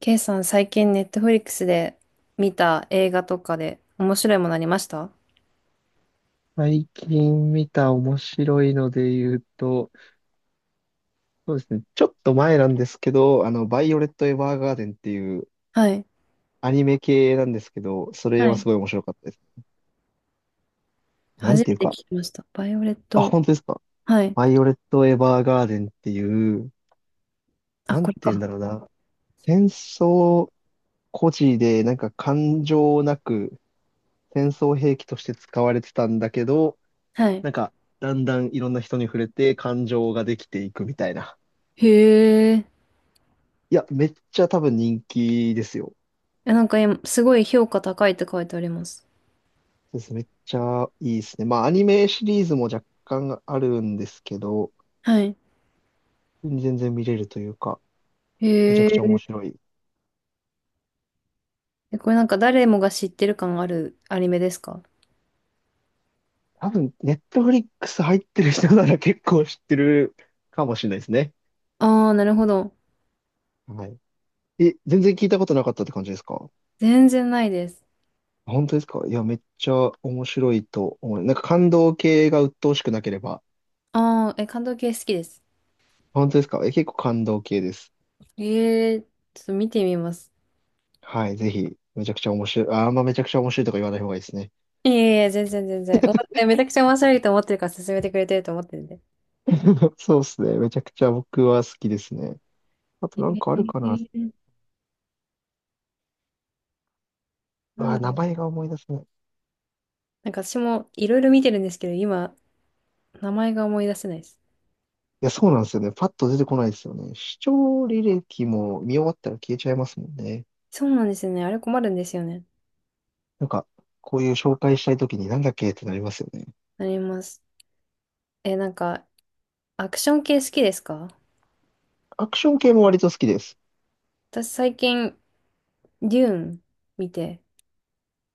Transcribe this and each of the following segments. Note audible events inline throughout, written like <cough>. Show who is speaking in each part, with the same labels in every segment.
Speaker 1: K さん、最近ネットフリックスで見た映画とかで面白いものありました？
Speaker 2: 最近見た面白いので言うと、そうですね、ちょっと前なんですけど、バイオレット・エヴァーガーデンっていう
Speaker 1: はい。
Speaker 2: アニメ系なんですけど、それ
Speaker 1: は
Speaker 2: はす
Speaker 1: い。
Speaker 2: ごい面白かったですね。な
Speaker 1: 初
Speaker 2: んていう
Speaker 1: めて
Speaker 2: か、
Speaker 1: 聞きました。バイオレッ
Speaker 2: あ、
Speaker 1: ト。
Speaker 2: 本当ですか。
Speaker 1: はい。
Speaker 2: バイオレット・エヴァーガーデンっていう、
Speaker 1: あ、
Speaker 2: なん
Speaker 1: こ
Speaker 2: て
Speaker 1: れ
Speaker 2: 言うんだ
Speaker 1: か。
Speaker 2: ろうな、戦争孤児で、なんか感情なく戦争兵器として使われてたんだけど、
Speaker 1: はい。
Speaker 2: なんか、だんだんいろんな人に触れて感情ができていくみたいな。
Speaker 1: へえ。
Speaker 2: いや、めっちゃ多分人気ですよ。
Speaker 1: え、なんか今、すごい評価高いって書いてあります。
Speaker 2: そうですね。めっちゃいいですね。まあ、アニメシリーズも若干あるんですけど、
Speaker 1: はい。
Speaker 2: 全然見れるというか、めちゃ
Speaker 1: へ
Speaker 2: くちゃ面
Speaker 1: え。
Speaker 2: 白い。
Speaker 1: え、これなんか誰もが知ってる感あるアニメですか？
Speaker 2: 多分、ネットフリックス入ってる人なら結構知ってるかもしれないですね。
Speaker 1: ああー、なるほど。
Speaker 2: はい。え、全然聞いたことなかったって感じですか？
Speaker 1: 全然ないです。
Speaker 2: 本当ですか？いや、めっちゃ面白いと思う。なんか感動系が鬱陶しくなければ。
Speaker 1: ああ、え、監督系好きです。
Speaker 2: 本当ですか？え、結構感動系です。
Speaker 1: ええ、ちょっと見てみます。
Speaker 2: はい、ぜひ、めちゃくちゃ面白い。あ、あんまめちゃくちゃ面白いとか言わない方がいいですね。
Speaker 1: いえいえ、全然全然。めちゃくちゃ面白いと思ってるから勧めてくれてると思ってるんで。
Speaker 2: <laughs> そうですね。めちゃくちゃ僕は好きですね。あ
Speaker 1: え
Speaker 2: となんかあるかな。
Speaker 1: ー、
Speaker 2: う
Speaker 1: なん
Speaker 2: わ、
Speaker 1: だ
Speaker 2: 名
Speaker 1: ろう。
Speaker 2: 前が思い出せない。い
Speaker 1: なんか私もいろいろ見てるんですけど、今、名前が思い出せないです。
Speaker 2: や、そうなんですよね。パッと出てこないですよね。視聴履歴も見終わったら消えちゃいますもんね。
Speaker 1: そうなんですよね。あれ困るんですよね。
Speaker 2: なんか、こういう紹介したいときになんだっけってなりますよね。
Speaker 1: なります。なんか、アクション系好きですか？
Speaker 2: アクション系も割と好きです。
Speaker 1: 私最近、デューン見て、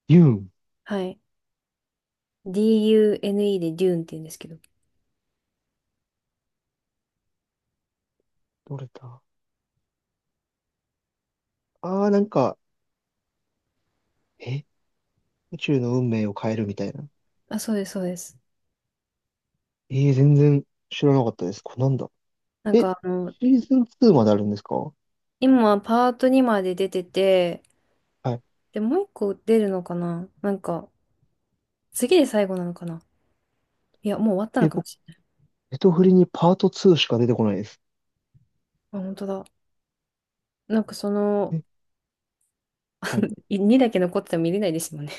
Speaker 2: ユン。
Speaker 1: はい。DUNE でデューンって言うんですけど。
Speaker 2: どれだ？ああー、なんか、え宇宙の運命を変えるみたいな。
Speaker 1: あ、そうです、そうです。
Speaker 2: ええー、全然知らなかったです。これなんだ。
Speaker 1: なん
Speaker 2: え、シ
Speaker 1: か、
Speaker 2: ーズン2まであるんですか？は
Speaker 1: 今、パート2まで出てて、
Speaker 2: い。
Speaker 1: で、もう一個出るのかな？なんか、次で最後なのかな？いや、もう終わったの
Speaker 2: え、
Speaker 1: かも
Speaker 2: 僕、
Speaker 1: しれない。
Speaker 2: ネトフリにパート2しか出てこないです。
Speaker 1: あ、本当だ。なんかその、
Speaker 2: えはい。
Speaker 1: 2だけ残ってても見れないですもんね。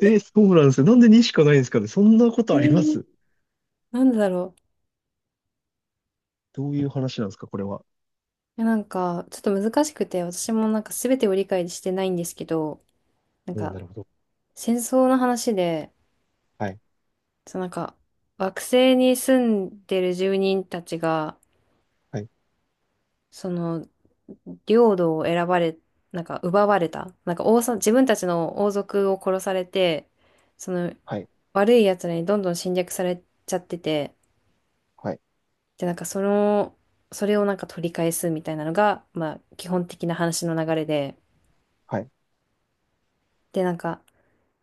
Speaker 2: そうなんですよ。なんで2しかないんですかね。そんなこ
Speaker 1: <laughs> え
Speaker 2: とありま
Speaker 1: ー、
Speaker 2: す？
Speaker 1: なんでだろう。
Speaker 2: どういう話なんですか、これは。
Speaker 1: いや、なんか、ちょっと難しくて、私もなんか全てを理解してないんですけど、なん
Speaker 2: おー、
Speaker 1: か、
Speaker 2: なるほど。
Speaker 1: 戦争の話で、
Speaker 2: はい。
Speaker 1: そのなんか、惑星に住んでる住人たちが、
Speaker 2: はい。
Speaker 1: その、領土を選ばれ、なんか奪われた。なんか自分たちの王族を殺されて、その、
Speaker 2: はい。
Speaker 1: 悪い奴らにどんどん侵略されちゃってて、
Speaker 2: はい。
Speaker 1: で、なんかその、それをなんか取り返すみたいなのが、まあ基本的な話の流れで、
Speaker 2: はい。
Speaker 1: で、なんか、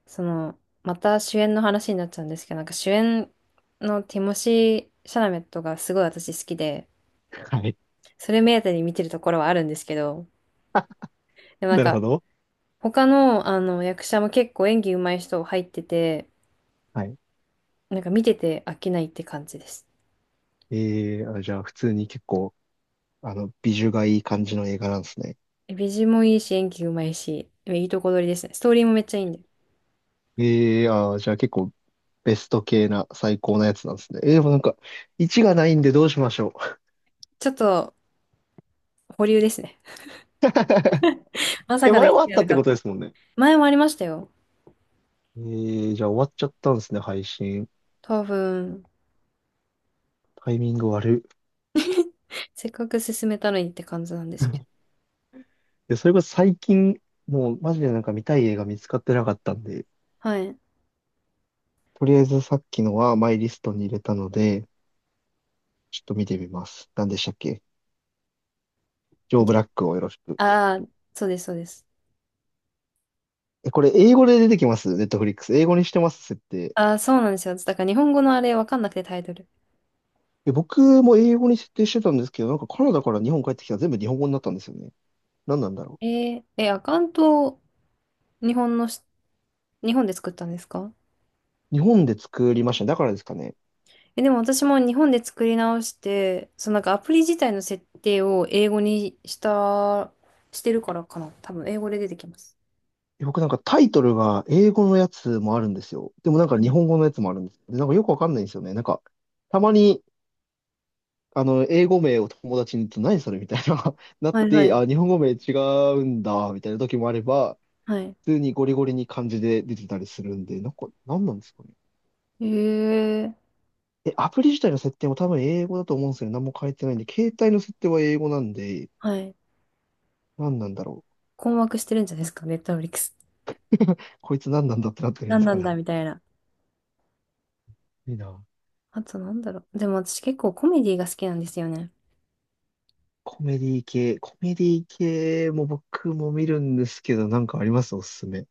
Speaker 1: その、また主演の話になっちゃうんですけど、なんか主演のティモシー・シャラメットがすごい私好きで、
Speaker 2: はい。
Speaker 1: それ目当てに見てるところはあるんですけど、でもなん
Speaker 2: なる
Speaker 1: か、
Speaker 2: ほど。
Speaker 1: 他の、あの役者も結構演技上手い人入ってて、
Speaker 2: はい。
Speaker 1: なんか見てて飽きないって感じです。
Speaker 2: えー、あ、じゃあ普通に結構、ビジュがいい感じの映画なんですね。
Speaker 1: 美人もいいし、演技上手いし、いいとこ取りですね。ストーリーもめっちゃいいんで。
Speaker 2: えー、あー、じゃあ結構ベスト系な最高なやつなんですね。えー、でもなんか、1がないんでどうしましょう。
Speaker 1: ちょっと、保留ですね。<laughs> ま
Speaker 2: <laughs>
Speaker 1: さ
Speaker 2: え、
Speaker 1: かの
Speaker 2: 前
Speaker 1: 一位
Speaker 2: はあ
Speaker 1: じ
Speaker 2: っ
Speaker 1: ゃ
Speaker 2: た
Speaker 1: な
Speaker 2: っ
Speaker 1: か
Speaker 2: て
Speaker 1: っ
Speaker 2: こ
Speaker 1: た？
Speaker 2: とですもんね。
Speaker 1: 前もありましたよ。
Speaker 2: えー、じゃあ終わっちゃったんですね、配信。
Speaker 1: 多分、
Speaker 2: タイミング悪い。
Speaker 1: せっかく進めたのにって感じなんですけど。
Speaker 2: で、それこそ最近、もうマジでなんか見たい映画見つかってなかったんで、
Speaker 1: はい。
Speaker 2: とりあえずさっきのはマイリストに入れたので、ちょっと見てみます。何でしたっけ？ジョー・ブ
Speaker 1: り
Speaker 2: ラックをよろしく。
Speaker 1: ああ、そうです、そうです。
Speaker 2: え、これ英語で出てきます？ネットフリックス。英語にしてます、設定。
Speaker 1: ああ、そうなんですよ。だから日本語のあれわかんなくてタイトル。
Speaker 2: え、僕も英語に設定してたんですけど、なんかカナダから日本帰ってきたら全部日本語になったんですよね。何なんだろ
Speaker 1: ええ、アカウントを日本のし、日本で作ったんですか？
Speaker 2: う。日本で作りましたね。だからですかね。
Speaker 1: え、でも私も日本で作り直して、そのなんかアプリ自体の設定を英語にした、してるからかな。多分英語で出てきます。
Speaker 2: 僕なんかタイトルが英語のやつもあるんですよ。でもなんか
Speaker 1: は
Speaker 2: 日
Speaker 1: い、
Speaker 2: 本語のやつもあるんです。で、なんかよくわかんないんですよね。なんか、たまに英語名を友達に言うと何それみたいな、<laughs> なっ
Speaker 1: はい、は
Speaker 2: て、
Speaker 1: い。
Speaker 2: あ、日本語名違うんだ、みたいな時もあれば、
Speaker 1: はい。
Speaker 2: 普通にゴリゴリに漢字で出てたりするんで、なんか、何なんですかね。
Speaker 1: えー、
Speaker 2: え、アプリ自体の設定も多分英語だと思うんですけど、何も変えてないんで、携帯の設定は英語なんで、
Speaker 1: はい。
Speaker 2: 何なんだろう。
Speaker 1: 困惑してるんじゃないですか、ネットフリックス。
Speaker 2: こいつ何なんだってなってるんで
Speaker 1: 何
Speaker 2: す
Speaker 1: な
Speaker 2: か
Speaker 1: んだ
Speaker 2: ね。
Speaker 1: みたいな。
Speaker 2: いいな。
Speaker 1: あとなんだろう。でも私結構コメディが好きなんですよね。
Speaker 2: コメディ系も僕も見るんですけど、なんかあります？おすすめ。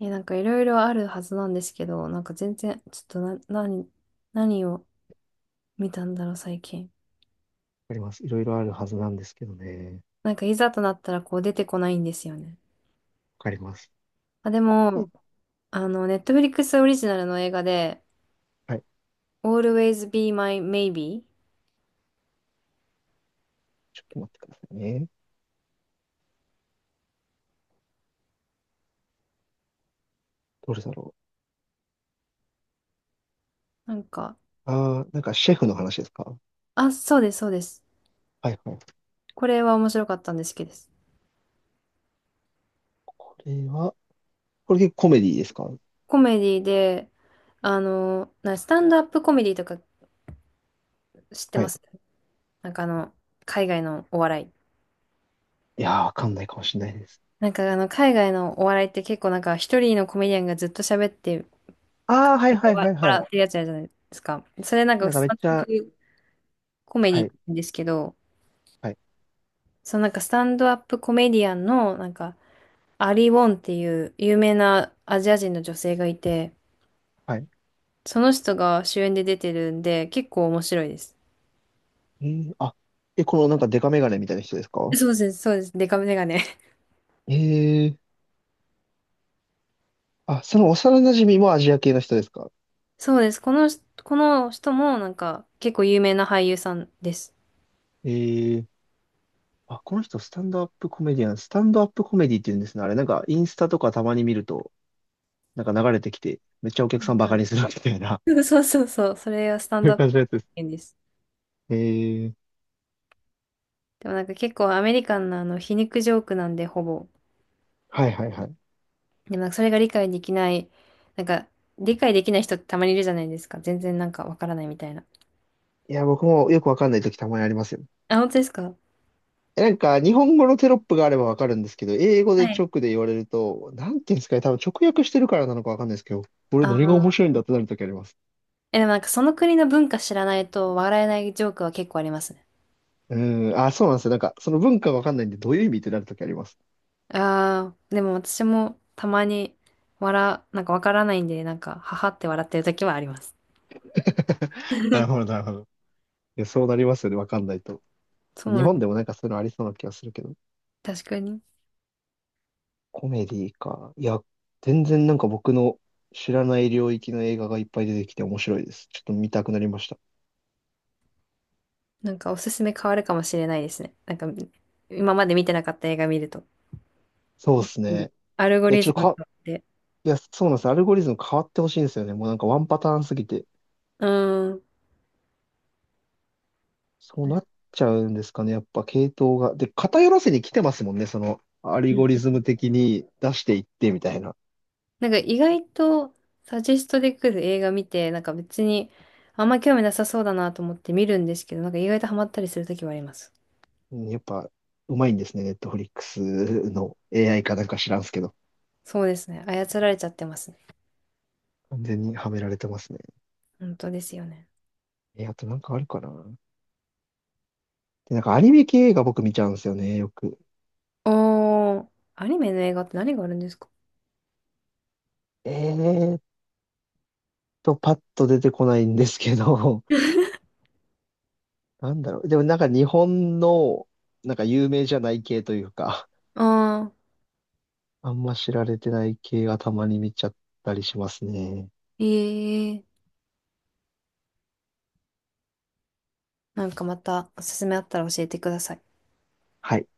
Speaker 1: え、なんかいろいろあるはずなんですけど、なんか全然、ちょっとな、何、何を見たんだろう、最近。
Speaker 2: あります。いろいろあるはずなんですけどね。
Speaker 1: なんかいざとなったらこう出てこないんですよね。
Speaker 2: わかります。
Speaker 1: あ、で
Speaker 2: はい。
Speaker 1: も、あの、ネットフリックスオリジナルの映画で、
Speaker 2: はい、
Speaker 1: Always Be My Maybe?
Speaker 2: ちょっと待ってくださいね。どれだろ
Speaker 1: なんか、
Speaker 2: う。ああ、なんかシェフの話ですか？
Speaker 1: あ、そうです、そうです。
Speaker 2: はいはい。
Speaker 1: これは面白かったんですけどです。
Speaker 2: これは、これ結構コメディですか？
Speaker 1: コメディで、あの、スタンドアップコメディとか知って
Speaker 2: は
Speaker 1: ま
Speaker 2: い。
Speaker 1: す？なんかあの、海外のお笑い。
Speaker 2: いやー、わかんないかもしれないです。
Speaker 1: なんかあの、海外のお笑いって結構なんか一人のコメディアンがずっと喋って、
Speaker 2: ああ、はいはいはいは
Speaker 1: 笑
Speaker 2: い。
Speaker 1: ってるやつあるじゃないですか。それなんか
Speaker 2: なんか
Speaker 1: ス
Speaker 2: めっ
Speaker 1: タン
Speaker 2: ち
Speaker 1: ドアッ
Speaker 2: ゃ、
Speaker 1: プコメデ
Speaker 2: は
Speaker 1: ィって
Speaker 2: い、
Speaker 1: 言うんですけど、
Speaker 2: はい、
Speaker 1: そのなんかスタンドアップコメディアンのなんかアリ・ウォンっていう有名なアジア人の女性がいて、
Speaker 2: はい。
Speaker 1: その人が主演で出てるんで結構面白いです。
Speaker 2: えー、あ、このなんかデカメガネみたいな人ですか？
Speaker 1: そうです、そうです。デカメガネ。
Speaker 2: ええー、あ、その幼馴染もアジア系の人ですか？
Speaker 1: そうです。この人もなんか結構有名な俳優さんです。
Speaker 2: ええー、あ、この人スタンドアップコメディアン、スタンドアップコメディって言うんですね。あれ、なんかインスタとかたまに見ると、なんか流れてきて、めっちゃお
Speaker 1: そ
Speaker 2: 客さんバ
Speaker 1: う
Speaker 2: カ
Speaker 1: で
Speaker 2: にす
Speaker 1: す。
Speaker 2: るみたいな、
Speaker 1: そうです <laughs> そうそうそう。それがスタ
Speaker 2: <laughs>
Speaker 1: ン
Speaker 2: そうい
Speaker 1: ド
Speaker 2: う
Speaker 1: アップ
Speaker 2: 感
Speaker 1: コ
Speaker 2: じのやつです。
Speaker 1: メです。
Speaker 2: ええー、
Speaker 1: でもなんか結構アメリカンなあの皮肉ジョークなんでほぼ。
Speaker 2: はいはいはい。
Speaker 1: でもなんかそれが理解できない、なんか理解できない人ってたまにいるじゃないですか。全然なんかわからないみたいな。
Speaker 2: いや、僕もよくわかんない時たまにありますよ。
Speaker 1: あ、本当ですか？
Speaker 2: え、なんか、日本語のテロップがあればわかるんですけど、英語
Speaker 1: は
Speaker 2: で
Speaker 1: い。
Speaker 2: 直で言われると、なんていうんですかね、多分直訳してるからなのかわかんないですけど、これ何が面
Speaker 1: ああ、
Speaker 2: 白いんだってなる時あります。
Speaker 1: え、でもなんかその国の文化知らないと笑えないジョークは結構ありますね。
Speaker 2: うん、あ、そうなんですよ。なんか、その文化わかんないんで、どういう意味ってなる時あります。
Speaker 1: ああ、でも私もたまになんかわからないんで、なんか、ははって笑ってる時はあります。
Speaker 2: <laughs> なるほど、なるほど。いや、そうなりますよね、わかんないと。
Speaker 1: そう
Speaker 2: 日
Speaker 1: なん
Speaker 2: 本
Speaker 1: で
Speaker 2: でもなんかそういうのありそうな気がするけど。
Speaker 1: す。確かに。
Speaker 2: コメディか。いや、全然なんか僕の知らない領域の映画がいっぱい出てきて面白いです。ちょっと見たくなりました。
Speaker 1: なんかおすすめ変わるかもしれないですね。なんか今まで見てなかった映画見ると。
Speaker 2: そうで
Speaker 1: 一
Speaker 2: す
Speaker 1: 気に
Speaker 2: ね。
Speaker 1: アルゴ
Speaker 2: で、
Speaker 1: リ
Speaker 2: ちょ
Speaker 1: ズ
Speaker 2: っ
Speaker 1: ムが
Speaker 2: と、
Speaker 1: あって。
Speaker 2: いや、そうなんです。アルゴリズム変わってほしいんですよね。もうなんかワンパターンすぎて。
Speaker 1: うん。うん
Speaker 2: そうなっちゃうんですかね。やっぱ系統が。で、偏らせに来てますもんね。ア
Speaker 1: う
Speaker 2: ル
Speaker 1: ん。
Speaker 2: ゴリズム的に出していってみたいな。
Speaker 1: なんか意外とサジェストで来る映画見て、なんか別にあんま興味なさそうだなと思って見るんですけど、なんか意外とハマったりするときはあります。
Speaker 2: うん、やっぱうまいんですね。ネットフリックスの AI かなんか知らんすけど。
Speaker 1: そうですね。操られちゃってますね。
Speaker 2: 完全にはめられてますね。
Speaker 1: 本当ですよね。
Speaker 2: え、あとなんかあるかな。で、なんかアニメ系が僕見ちゃうんですよね。よく。
Speaker 1: おー、アニメの映画って何があるんですか？
Speaker 2: えーっパッと出てこないんですけど。<laughs>
Speaker 1: <laughs>
Speaker 2: なんだろう。でもなんか日本の、なんか有名じゃない系というか。
Speaker 1: あ
Speaker 2: あんま知られてない系はたまに見ちゃったりしますね。
Speaker 1: ー、ええー、なんかまたおすすめあったら教えてください。
Speaker 2: はい。